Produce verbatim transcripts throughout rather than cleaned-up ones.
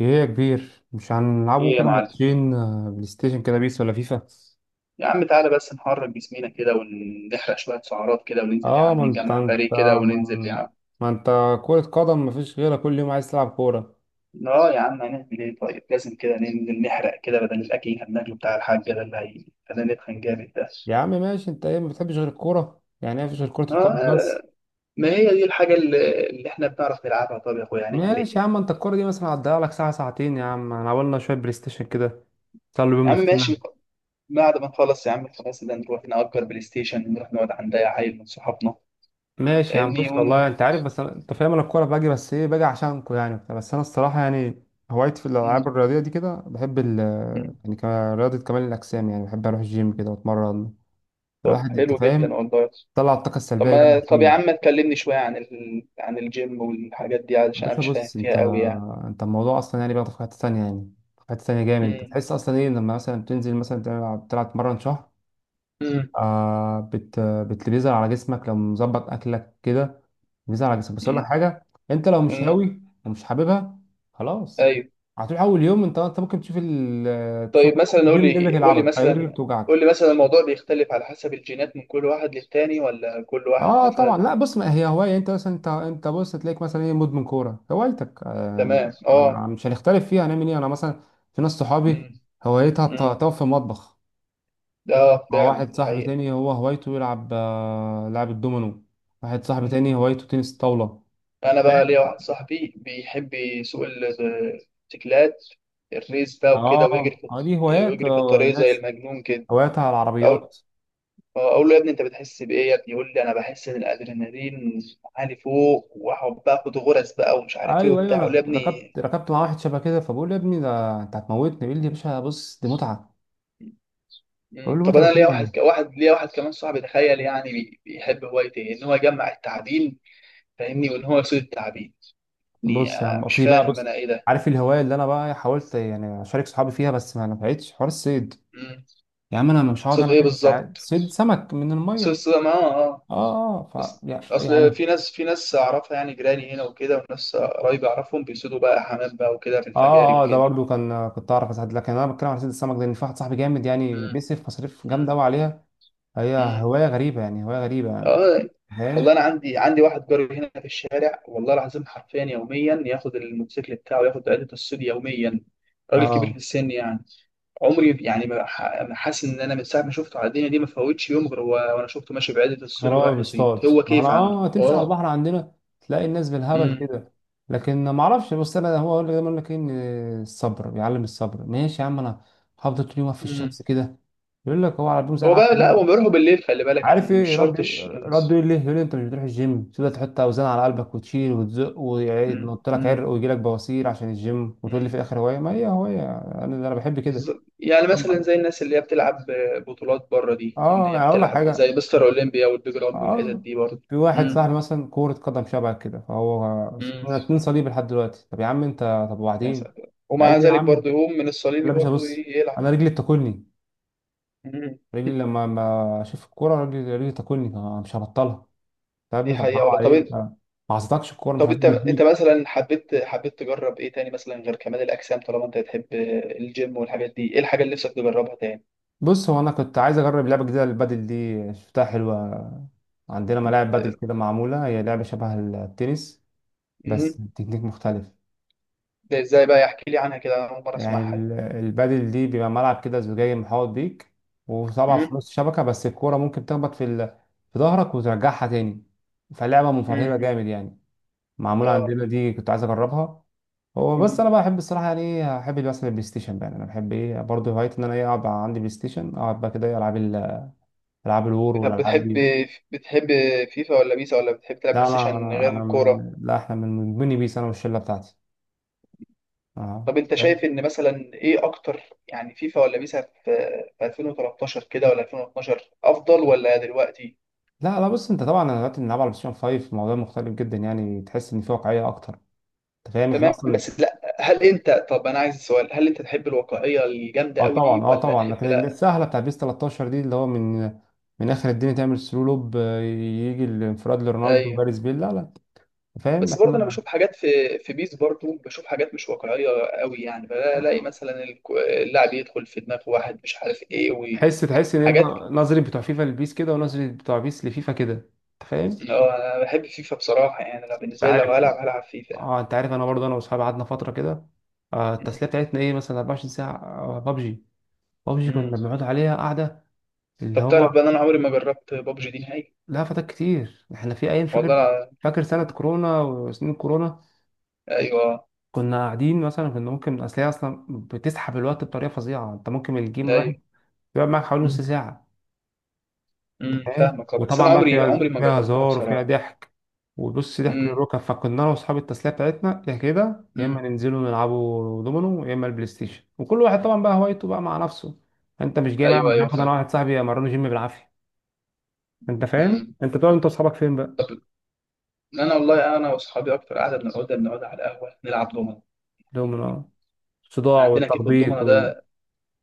ايه يا كبير، مش هنلعبوا ايه يا كده معلم. ماتشين، آه، بلاي ستيشن كده، بيس ولا فيفا؟ يا عم تعالى بس نحرك جسمينا كده ونحرق شوية سعرات كده وننزل يا اه ما عم، انت نجمع انت فريق كده وننزل يا ما, عم. ما انت كرة قدم مفيش غيرها، كل يوم عايز تلعب كورة. اه يا عم هنعمل ايه؟ طيب لازم كده ننزل نحرق كده بدل الاكل اللي هناكله بتاع الحاج ده اللي هيخلينا نتخن جامد ده. يا عم ماشي، انت ايه؟ ما بتحبش غير الكورة؟ يعني ايه؟ مفيش غير كرة القدم اه، بس؟ ما هي دي الحاجة اللي, اللي احنا بنعرف نلعبها. طب يا اخويا هنعمل ايه؟ ماشي يا عم، انت الكورة دي مثلا هتضيع لك ساعة ساعتين، يا عم انا عملنا شوية بلاي ستيشن كده، نسلوا بيهم يا عم نفسنا. ماشي. بعد ما نخلص يا عم خلاص ده نروح نأجر بلاي ستيشن ونروح نقعد عند اي عيل من صحابنا. ماشي يا عم، فاهمني بص والله ون... انت عارف، بس أنا... انت فاهم، انا الكوره باجي، بس ايه باجي عشانكو يعني وبتاع. بس انا الصراحه يعني هوايتي في الالعاب م- الرياضيه دي كده، بحب ال... م- يعني كمان رياضه كمال الاجسام، يعني بحب اروح الجيم كده واتمرن. طب الواحد، انت حلو جدا فاهم، والله. طلع الطاقه طب السلبيه ما جامد طب يا عم فيه. ما تكلمني شوية عن ال... عن الجيم والحاجات دي يا علشان أنا باشا مش فاهم بص، انت فيها قوي يعني. انت الموضوع اصلا يعني بياخد في حته ثانيه، يعني في حته ثانيه جامد، انت امم. تحس اصلا ايه لما مثلا بتنزل مثلا تلعب تلعب تمرن شهر، امم. آه بت بت- بيظهر على جسمك لو مظبط اكلك كده، بيظهر على جسمك. بس امم. اقول لك حاجه، انت لو مش امم. هاوي ومش حاببها خلاص، أيوه. هتروح اول يوم، انت انت ممكن تشوف ال تشوف طيب مثلا قول الجيم، رجلك لي قول لي يلعبك، اي رجلك مثلا، توجعك. قول لي مثلا الموضوع بيختلف على حسب الجينات من كل واحد للتاني ولا كل واحد اه طبعا، لا مثلا؟ بص، ما هي هوايه، انت مثلا انت انت بص تلاقيك مثلا ايه مدمن كوره هوايتك آه تمام، عم- اه. عم- مش هنختلف فيها، هنعمل ايه؟ انا مثلا في ناس صحابي امم. هوايتها الت- امم. تقف في المطبخ. اه هو فعلا واحد دي صاحبي حقيقة. تاني، هو هوايته يلعب آه، لعب الدومينو. واحد صاحبي امم. تاني هوايته تنس الطاولة. أنا بقى ليا فاهم؟ واحد صاحبي بيحب يسوق ال- التكلات، الريس بقى اه، وكده ويجري في اه، دي هوايات ويجري في آه، الطريق زي الناس المجنون كده. هواياتها على العربيات. اقول له يا ابني انت بتحس بايه يا ابني؟ يقول لي انا بحس ان الادرينالين عالي فوق، واقعد بقى اخد غرز بقى ومش عارف ايه ايوه، ايوه، وبتاع، اقول له يا انا ابني. ركبت ركبت مع واحد شبه كده، فبقول له يا ابني ده انت هتموتني، بيقول لي يا باشا بص، دي متعة. بقول مم. له طب متعة انا ليا ايه يا واحد عم؟ ك- واحد ليا واحد كمان صاحبي، تخيل يعني، بي- بيحب هوايته إيه؟ ان هو يجمع التعابين. فاهمني؟ وان هو يصيد التعابين. يعني بص يا آه، عم، مش في بقى فاهم بص، انا ايه ده. عارف الهواية اللي انا بقى حاولت يعني اشارك صحابي فيها، بس ما نفعتش، حوار الصيد. مم. يا عم انا مش هقعد صيد انا ايه ست ساعات بالظبط؟ صيد سمك من صيد المية. صيد ما اه اه اه، اه، اصل، ف اصل يعني في ناس في ناس اعرفها يعني جيراني هنا وكده وناس قرايبي اعرفهم بيصيدوا بقى حمام بقى وكده في الفجاري اه، اه. ده وكده. برضو كان كنت اعرف اساعد، لكن انا بتكلم على صيد السمك، لان في واحد صاحبي جامد يعني مم. بيصرف مصاريف جامده مم. قوي عليها. هي مم. هوايه غريبه يعني هوايه غريبه يعني اه. والله انا فاهم. عندي عندي واحد جاري هنا في الشارع، والله العظيم حرفيا يوميا ياخد الموتوسيكل بتاعه ياخد عدة الصيد يوميا. راجل كبير في اه، السن يعني. عمري يعني ما ح- ما حاسس ان انا من ساعه ما شفته على الدنيا دي ما فوتش يوم غير و- وانا شفته ماشي بعدة غير الصيد هو ورايح يصيد، بيصطاد، هو ما انا كيف عنده اه تمشي على اه. البحر عندنا تلاقي الناس بالهبل امم. كده. لكن ما اعرفش، بس انا هو اقول لك دايما، يقول لك ايه، ان الصبر بيعلم الصبر. ماشي يا عم، انا هفضل طول يوم واقف في امم. الشمس كده، يقول لك هو على بيوم زي هو بقى العسل. لا هو بيروحوا بالليل، خلي بالك عارف يعني مش ايه شرط رد؟ الش- رد يقول لي، يقول لي انت مش بتروح الجيم، تبدا تحط اوزان على قلبك وتشيل وتزق، وينط لك امم. عرق ويجي لك بواسير عشان الجيم، وتقول لي في امم. الاخر هوايه؟ ما هي هوايه، انا انا بحب كده. ز- يعني مثلا زي الناس اللي هي بتلعب بطولات بره دي، اللي اه هي يعني اقول لك بتلعب حاجه. زي مستر اولمبيا والبيج رامي والحتت اه، دي برضه. في واحد امم. صاحبي مثلا كرة قدم شبه كده، فهو امم. انا اتنين صليب لحد دلوقتي. طب يا عم انت، طب يا وبعدين. ساتر، ومع قال لي يا ذلك عم، برضه يقوم من لا الصليبي يا باشا برضه ي- بص، يلعب. انا رجلي بتاكلني، امم. رجلي لما ما اشوف الكوره رجلي رجلي بتاكلني، فأنا مش هبطلها. طب يا دي ابني، طب حقيقة حرام والله. طب انت، عليك، ما عصيتكش الكوره مش طب عايز انت انت تديك، مثلا حبيت حبيت تجرب ايه تاني مثلا غير كمال الاجسام طالما انت بتحب الجيم والحاجات دي؟ ايه الحاجة اللي نفسك تجربها تاني؟ بص هو انا كنت عايز اجرب لعبه جديده، للبادل دي شفتها حلوه، عندنا ملاعب بادل كده معموله، هي لعبه شبه التنس امم. بس تكنيك مختلف. ده ازاي بقى؟ يحكي لي عنها كده، انا اول مرة يعني اسمعها. ال- البادل دي بيبقى ملعب كده زجاجي محاوط بيك، وطبعا امم. في نص الشبكه، بس الكوره ممكن تخبط في ال... في ظهرك وترجعها تاني، فلعبه مفرهده امم. جامد يعني. معموله اه. عندنا دي، كنت عايز اجربها. هو بس انا بحب الصراحه، يعني ايه، احب مثلا البلاي ستيشن بقى، يعني انا بحب ايه برضه، هوايتي ان انا ايه اقعد عندي بلاي ستيشن، اقعد بقى كده إيه، العب ال- العاب الور طب والالعاب بتحب دي. بتحب فيفا ولا بيسا ولا بتحب تلعب بلاي لا، انا ستيشن انا غير انا الكورة؟ من، لا احنا من من بني بيس، انا والشله بتاعتي. اه، طب انت شايف فاهم؟ ان مثلا ايه اكتر؟ يعني فيفا ولا بيسا في في ألفين وثلاثة عشر كده ولا ألفين واتناشر افضل ولا دلوقتي؟ لا، لا، بص انت، طبعا انا دلوقتي بنلعب على بلاي فايف، الموضوع مختلف جدا، يعني تحس ان في واقعيه اكتر. انت فاهم احنا تمام اصلا. بس لا، هل انت، طب انا عايز السؤال، هل انت تحب الواقعية الجامدة اه قوي طبعا، دي اه ولا طبعا، تحب لكن اللي لا؟ السهله بتاع بيس تلتاشر دي اللي هو من من اخر الدنيا تعمل سلو لوب، آه، يجي الانفراد لرونالدو ايوه. وجاريث بيل. لا، لا، أنت فاهم بس برضه انا احنا. بشوف حاجات في في بيس، برضه بشوف حاجات مش واقعية قوي يعني. بلاقي مثلا الك- اللاعب يدخل في دماغ واحد مش عارف ايه تحس تحس ان انت، وحاجات. نظري بتوع فيفا لبيس كده، ونظري بتوع بيس لفيفا كده، انت فاهم، هو انا بحب فيفا بصراحه، يعني انا انت بالنسبه لي لو عارف. هلعب هلعب فيفا يعني. اه، انت عارف، انا برضه انا واصحابي قعدنا فتره كده، آه التسليه بتاعتنا ايه مثلا، اربع وعشرين ساعه بابجي. بابجي امم. كنا بنقعد عليها قاعده، اللي طب هو. تعرف بقى إن انا عمري ما جربت بابجي دي نهائي؟ لا فتك كتير، احنا في ايام، فاكر والله أنا... فاكر سنه كورونا وسنين كورونا، ايوه كنا قاعدين مثلا، كنا ممكن، اصل هي اصلا بتسحب الوقت بطريقه فظيعه، انت ممكن الجيم الواحد ايوه. يقعد معاك حوالي نص ساعه. امم، تمام، فاهمك. آه، بس انا وطبعا بقى عمري فيها عمري ما فيها جربتها هزار وفيها بصراحه. ضحك، وبص ضحك امم. للركب. فكنا انا واصحاب التسليه بتاعتنا يا كده، يا اما امم. ننزلوا نلعبوا دومينو، يا اما البلاي ستيشن، وكل واحد طبعا بقى هوايته بقى مع نفسه. انت مش جاي معايا؟ ايوه مش ايوه هاخد انا فاهم. واحد صاحبي امرنه جيم بالعافيه. انت فاهم، امم. انت بتقعد انت واصحابك فين بقى؟ طب انا والله انا واصحابي اكتر قاعده، بنقعد بنقعد على القهوه نلعب دومنه. دومينو، إحنا الصداع عندنا كيف والتخبيط الضمنه وال... ده.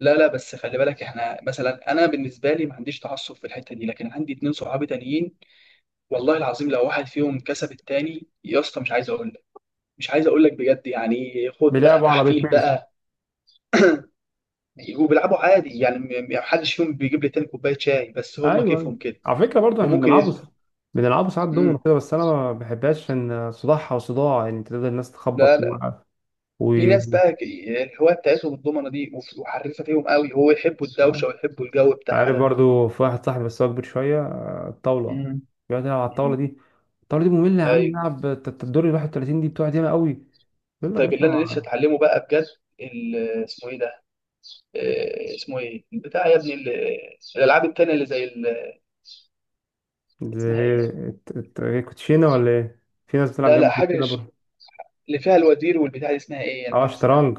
لا لا، بس خلي بالك احنا مثلا، انا بالنسبه لي ما عنديش تعصب في الحته دي، لكن عندي اتنين صحابي تانيين والله العظيم لو واحد فيهم كسب التاني يا اسطى، مش عايز اقول لك، مش عايز اقول لك بجد يعني، خد بقى بيلعبوا على بيت تحفيل ميل. بقى. وبيلعبوا عادي يعني، م- م- محدش فيهم بيجيب لي تاني كوبايه شاي، بس هما ايوه، ايوه، كيفهم كده على فكره برضه احنا وممكن بنلعبوا س- يزعل. بنلعبوا ساعات دومينو امم. كده، بس انا ما بحبهاش، ان صداعها وصداع يعني، تفضل الناس لا تخبط و... لا، في و... ناس بقى ك- الهوايه بتاعتهم الضمنه دي، وف- وحريفه فيهم قوي، هو يحبوا الدوشه آه. ويحبوا الجو بتاعها عارف ده. برضو في واحد صاحبي، بس هو اكبر شويه، آه، الطاوله، امم. بيقعد يلعب على الطاوله امم. دي. الطاوله دي ممله يا عم، ايوه. نلعب الت- الت- الدور ال واحد وثلاثين، دي بتقعد ياما قوي. يقول لك يا طيب باشا اللي انا لسه اتعلمه بقى بجد، ال- اسمه ايه ده؟ آه، اسمه ايه البتاع يا ابني؟ ال- الالعاب التانيه اللي زي ال- دي، اسمها ايه؟ الت- الت- إيه، كوتشينه ولا ايه؟ في ناس بتلعب لا جنب لا حاجه، الكوتشينه برضه. اللي فيها الوزير والبتاع دي اسمها ايه يعني؟ اه، نسيت اسمها. شطرنج.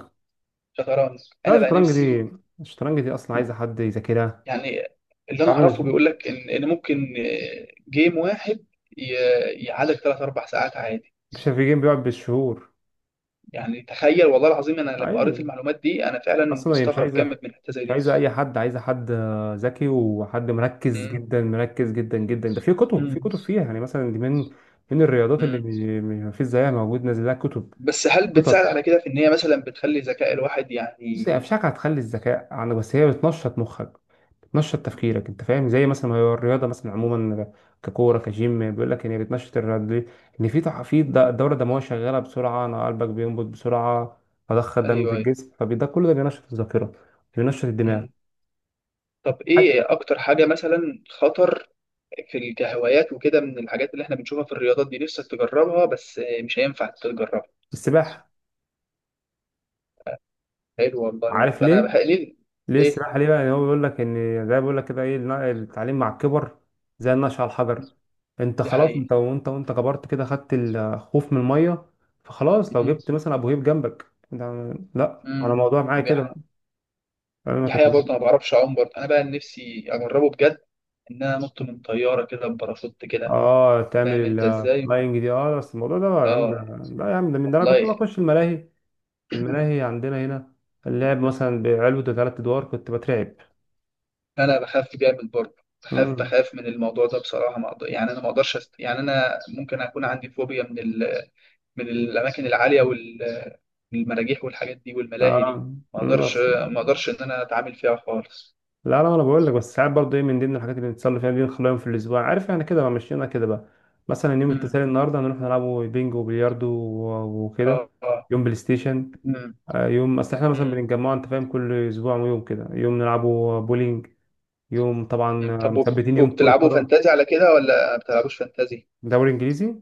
شطرنج. لا انا بقى الشطرنج نفسي، دي، الشطرنج دي اصلا عايزه حد يذاكرها. يعني اللي انا تعرف مش اعرفه بيقول لك ان ان ممكن آه، جيم واحد ي- يعادل ثلاث اربع ساعات عادي. مش في جيم بيقعد بالشهور، يعني تخيل، والله العظيم انا لما اي. قريت المعلومات دي انا فعلا اصلا هي مش مستغرب عايزه، جامد من حته زي مش دي. عايزه اي حد، عايزه حد آه، ذكي، وحد مركز مم. جدا، مركز جدا جدا، ده في كتب، في مم. كتب فيها يعني. مثلا دي من من الرياضات اللي مم. ما فيش زيها موجود، نازل لها كتب. بس هل بتساعد خطط. على كده في ان هي مثلا بتخلي ذكاء الواحد بص هي يعني؟ افشاك هتخلي الذكاء عندك، بس هي بتنشط مخك، بتنشط تفكيرك، انت فاهم، زي مثلا ما هي الرياضه مثلا عموما، ككوره كجيم، بيقول لك ان هي بتنشط، الرياضه دي ان في تح- في د- الدوره الدمويه شغاله بسرعه، انا قلبك بينبض بسرعه، فضخ الدم في ايوه ايوه. الجسم، فده كل ده بينشط الذاكره، بينشط الدماغ. مم. طب ايه اكتر حاجه مثلا خطر في ال- كهوايات وكده من الحاجات اللي احنا بنشوفها في الرياضات دي نفسك تجربها بس مش هينفع تجربها؟ السباحة. حلو والله. برضه عارف انا ليه؟ بحق ليه؟ ليه ليه؟ السباحة ليه بقى؟ يعني هو بيقول لك إن، زي بيقول لك كده إيه، النا- التعليم مع الكبر زي النقش على الحجر. أنت دي خلاص، حقيقة. أنت وأنت وأنت كبرت كده، خدت الخوف من المية، فخلاص لو مم. جبت مثلا أبو هيب جنبك، ده لا، أنا مم. الموضوع معايا دي كده بقى. حقيقة. أنا ما دي حقيقة، برضه انا ما كنت- بعرفش اعوم، برضه انا بقى نفسي اجربه بجد ان انا انط من طيارة كده بباراشوت كده. آه تعمل فاهم انت ازاي؟ اللاينج دي، آه بس الموضوع ده بقى يا عم ده، اه. لا يا عم، ده من ده أنا كنت والله بخش الملاهي. الملاهي عندنا هنا، اللعب مثلا بعلبة ثلاث أدوار كنت بترعب. انا بخاف جامد برضه. بخاف مم. بخاف من الموضوع ده بصراحه. ما أقدر يعني، انا ما اقدرش أست... يعني انا ممكن اكون عندي فوبيا من ال... من الاماكن العاليه وال... والمراجيح والحاجات دي والملاهي دي. آه. ما مم. اقدرش، ما اقدرش ان انا اتعامل فيها خالص. لا لا، انا بقول لك، بس ساعات برضه ايه، من ضمن الحاجات اللي بنتصل فيها دي، نخليها يوم في الاسبوع، عارف احنا كده بقى، مشينا كده بقى. مثلا يوم امم. التسالي النهارده هنروح نلعبوا بينج وبلياردو و- وكده، اه اه. يوم بلاي ستيشن، امم. آه، يوم، اصل احنا مثلا امم. بنتجمع، انت فاهم كل اسبوع يوم كده، يوم نلعبوا بولينج، يوم طبعا، أمم. آه، طب وب... مثبتين يوم كرة وبتلعبوا قدم، فانتازي على كده ولا ما بتلعبوش فانتازي؟ دوري انجليزي.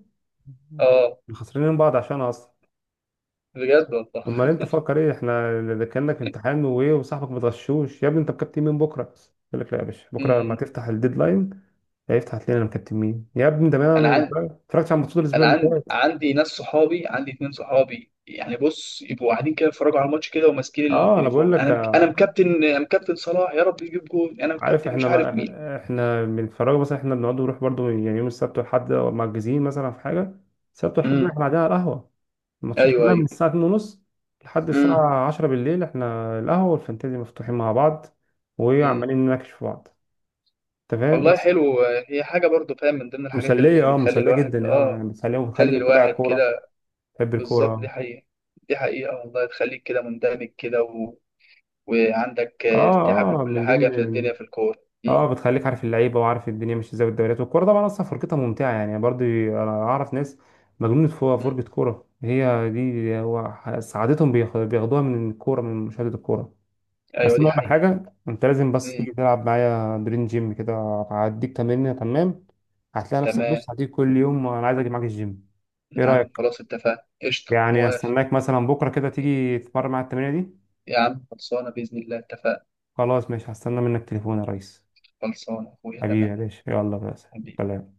اه، خسرانين من بعض عشان اصلا. بجد والله. امال انت فكر ايه؟ احنا ده كانك امتحان وايه، وصاحبك متغشوش، يا ابني انت بكابتن مين بكره؟ يقول لك لا يا باشا، بكره لما امم. تفتح الديدلاين. لا يفتح لنا مكتمين يا ابني، ده ما ما انا اتفرجتش على الماتشات الاسبوع انا اللي عندي فات. عندي ناس صحابي، عندي اتنين صحابي يعني، بص يبقوا قاعدين كده يتفرجوا على الماتش كده وماسكين اه انا بقول التليفون، لك، انا مك... آه، انا مكابتن انا مكابتن صلاح يا رب يجيب جول، انا عارف مكابتن مش احنا عارف مين. ما احنا بنتفرج مثلا، احنا بنقعد نروح برضو، يعني يوم السبت والحد مأجزين مثلا في حاجه، السبت والحد بقى امم. احنا قاعدين على القهوه، الماتشات ايوه كلها ايوه. من الساعه الثانية ونص لحد امم. الساعه عشرة بالليل، احنا القهوه والفانتازي مفتوحين مع بعض، امم. وعمالين نناقش في بعض، انت فاهم، والله بس. حلو. هي حاجه برضو، فاهم، من ضمن الحاجات مسليه، اللي اه بتخلي مسليه الواحد جدا، اه يعني اه مسليه، بتخلي وبتخليك تتابع الواحد الكوره، كده تحب بالظبط. الكوره. دي حقيقه. دي حقيقه والله، تخليك كده مندمج كده و... وعندك آه، استيعاب اه، اه، لكل من حاجه في ضمن، الدنيا في الكوره. امم. اه بتخليك عارف اللعيبه وعارف الدنيا ماشيه ازاي والدوريات والكوره، طبعا اصلا فرجتها ممتعه يعني، برضه انا اعرف ناس مجنونه فوق فرجه امم. كوره، هي دي، هو ح- سعادتهم بياخ- بياخدوها من الكوره، من مشاهده الكوره. ايوه بس انا دي اقول لك حقيقه. حاجه، انت لازم بس تيجي امم. تلعب معايا درين جيم كده، هديك تمرين تمام، هتلاقي نفسك تمام بص هتيجي كل يوم، انا عايز اجي معاك الجيم. ايه يا عم رايك؟ خلاص اتفقنا، قشطة يعني موافق. استناك مثلا بكره كده تيجي تتمرن مع التمرينه دي. يا عم خلصانة بإذن الله اتفقنا. خلاص ماشي، هستنى منك تليفون يا ريس. خلصانة يا أخويا تمام. حبيبي يا باشا، يلا بس، حبيبي. سلام.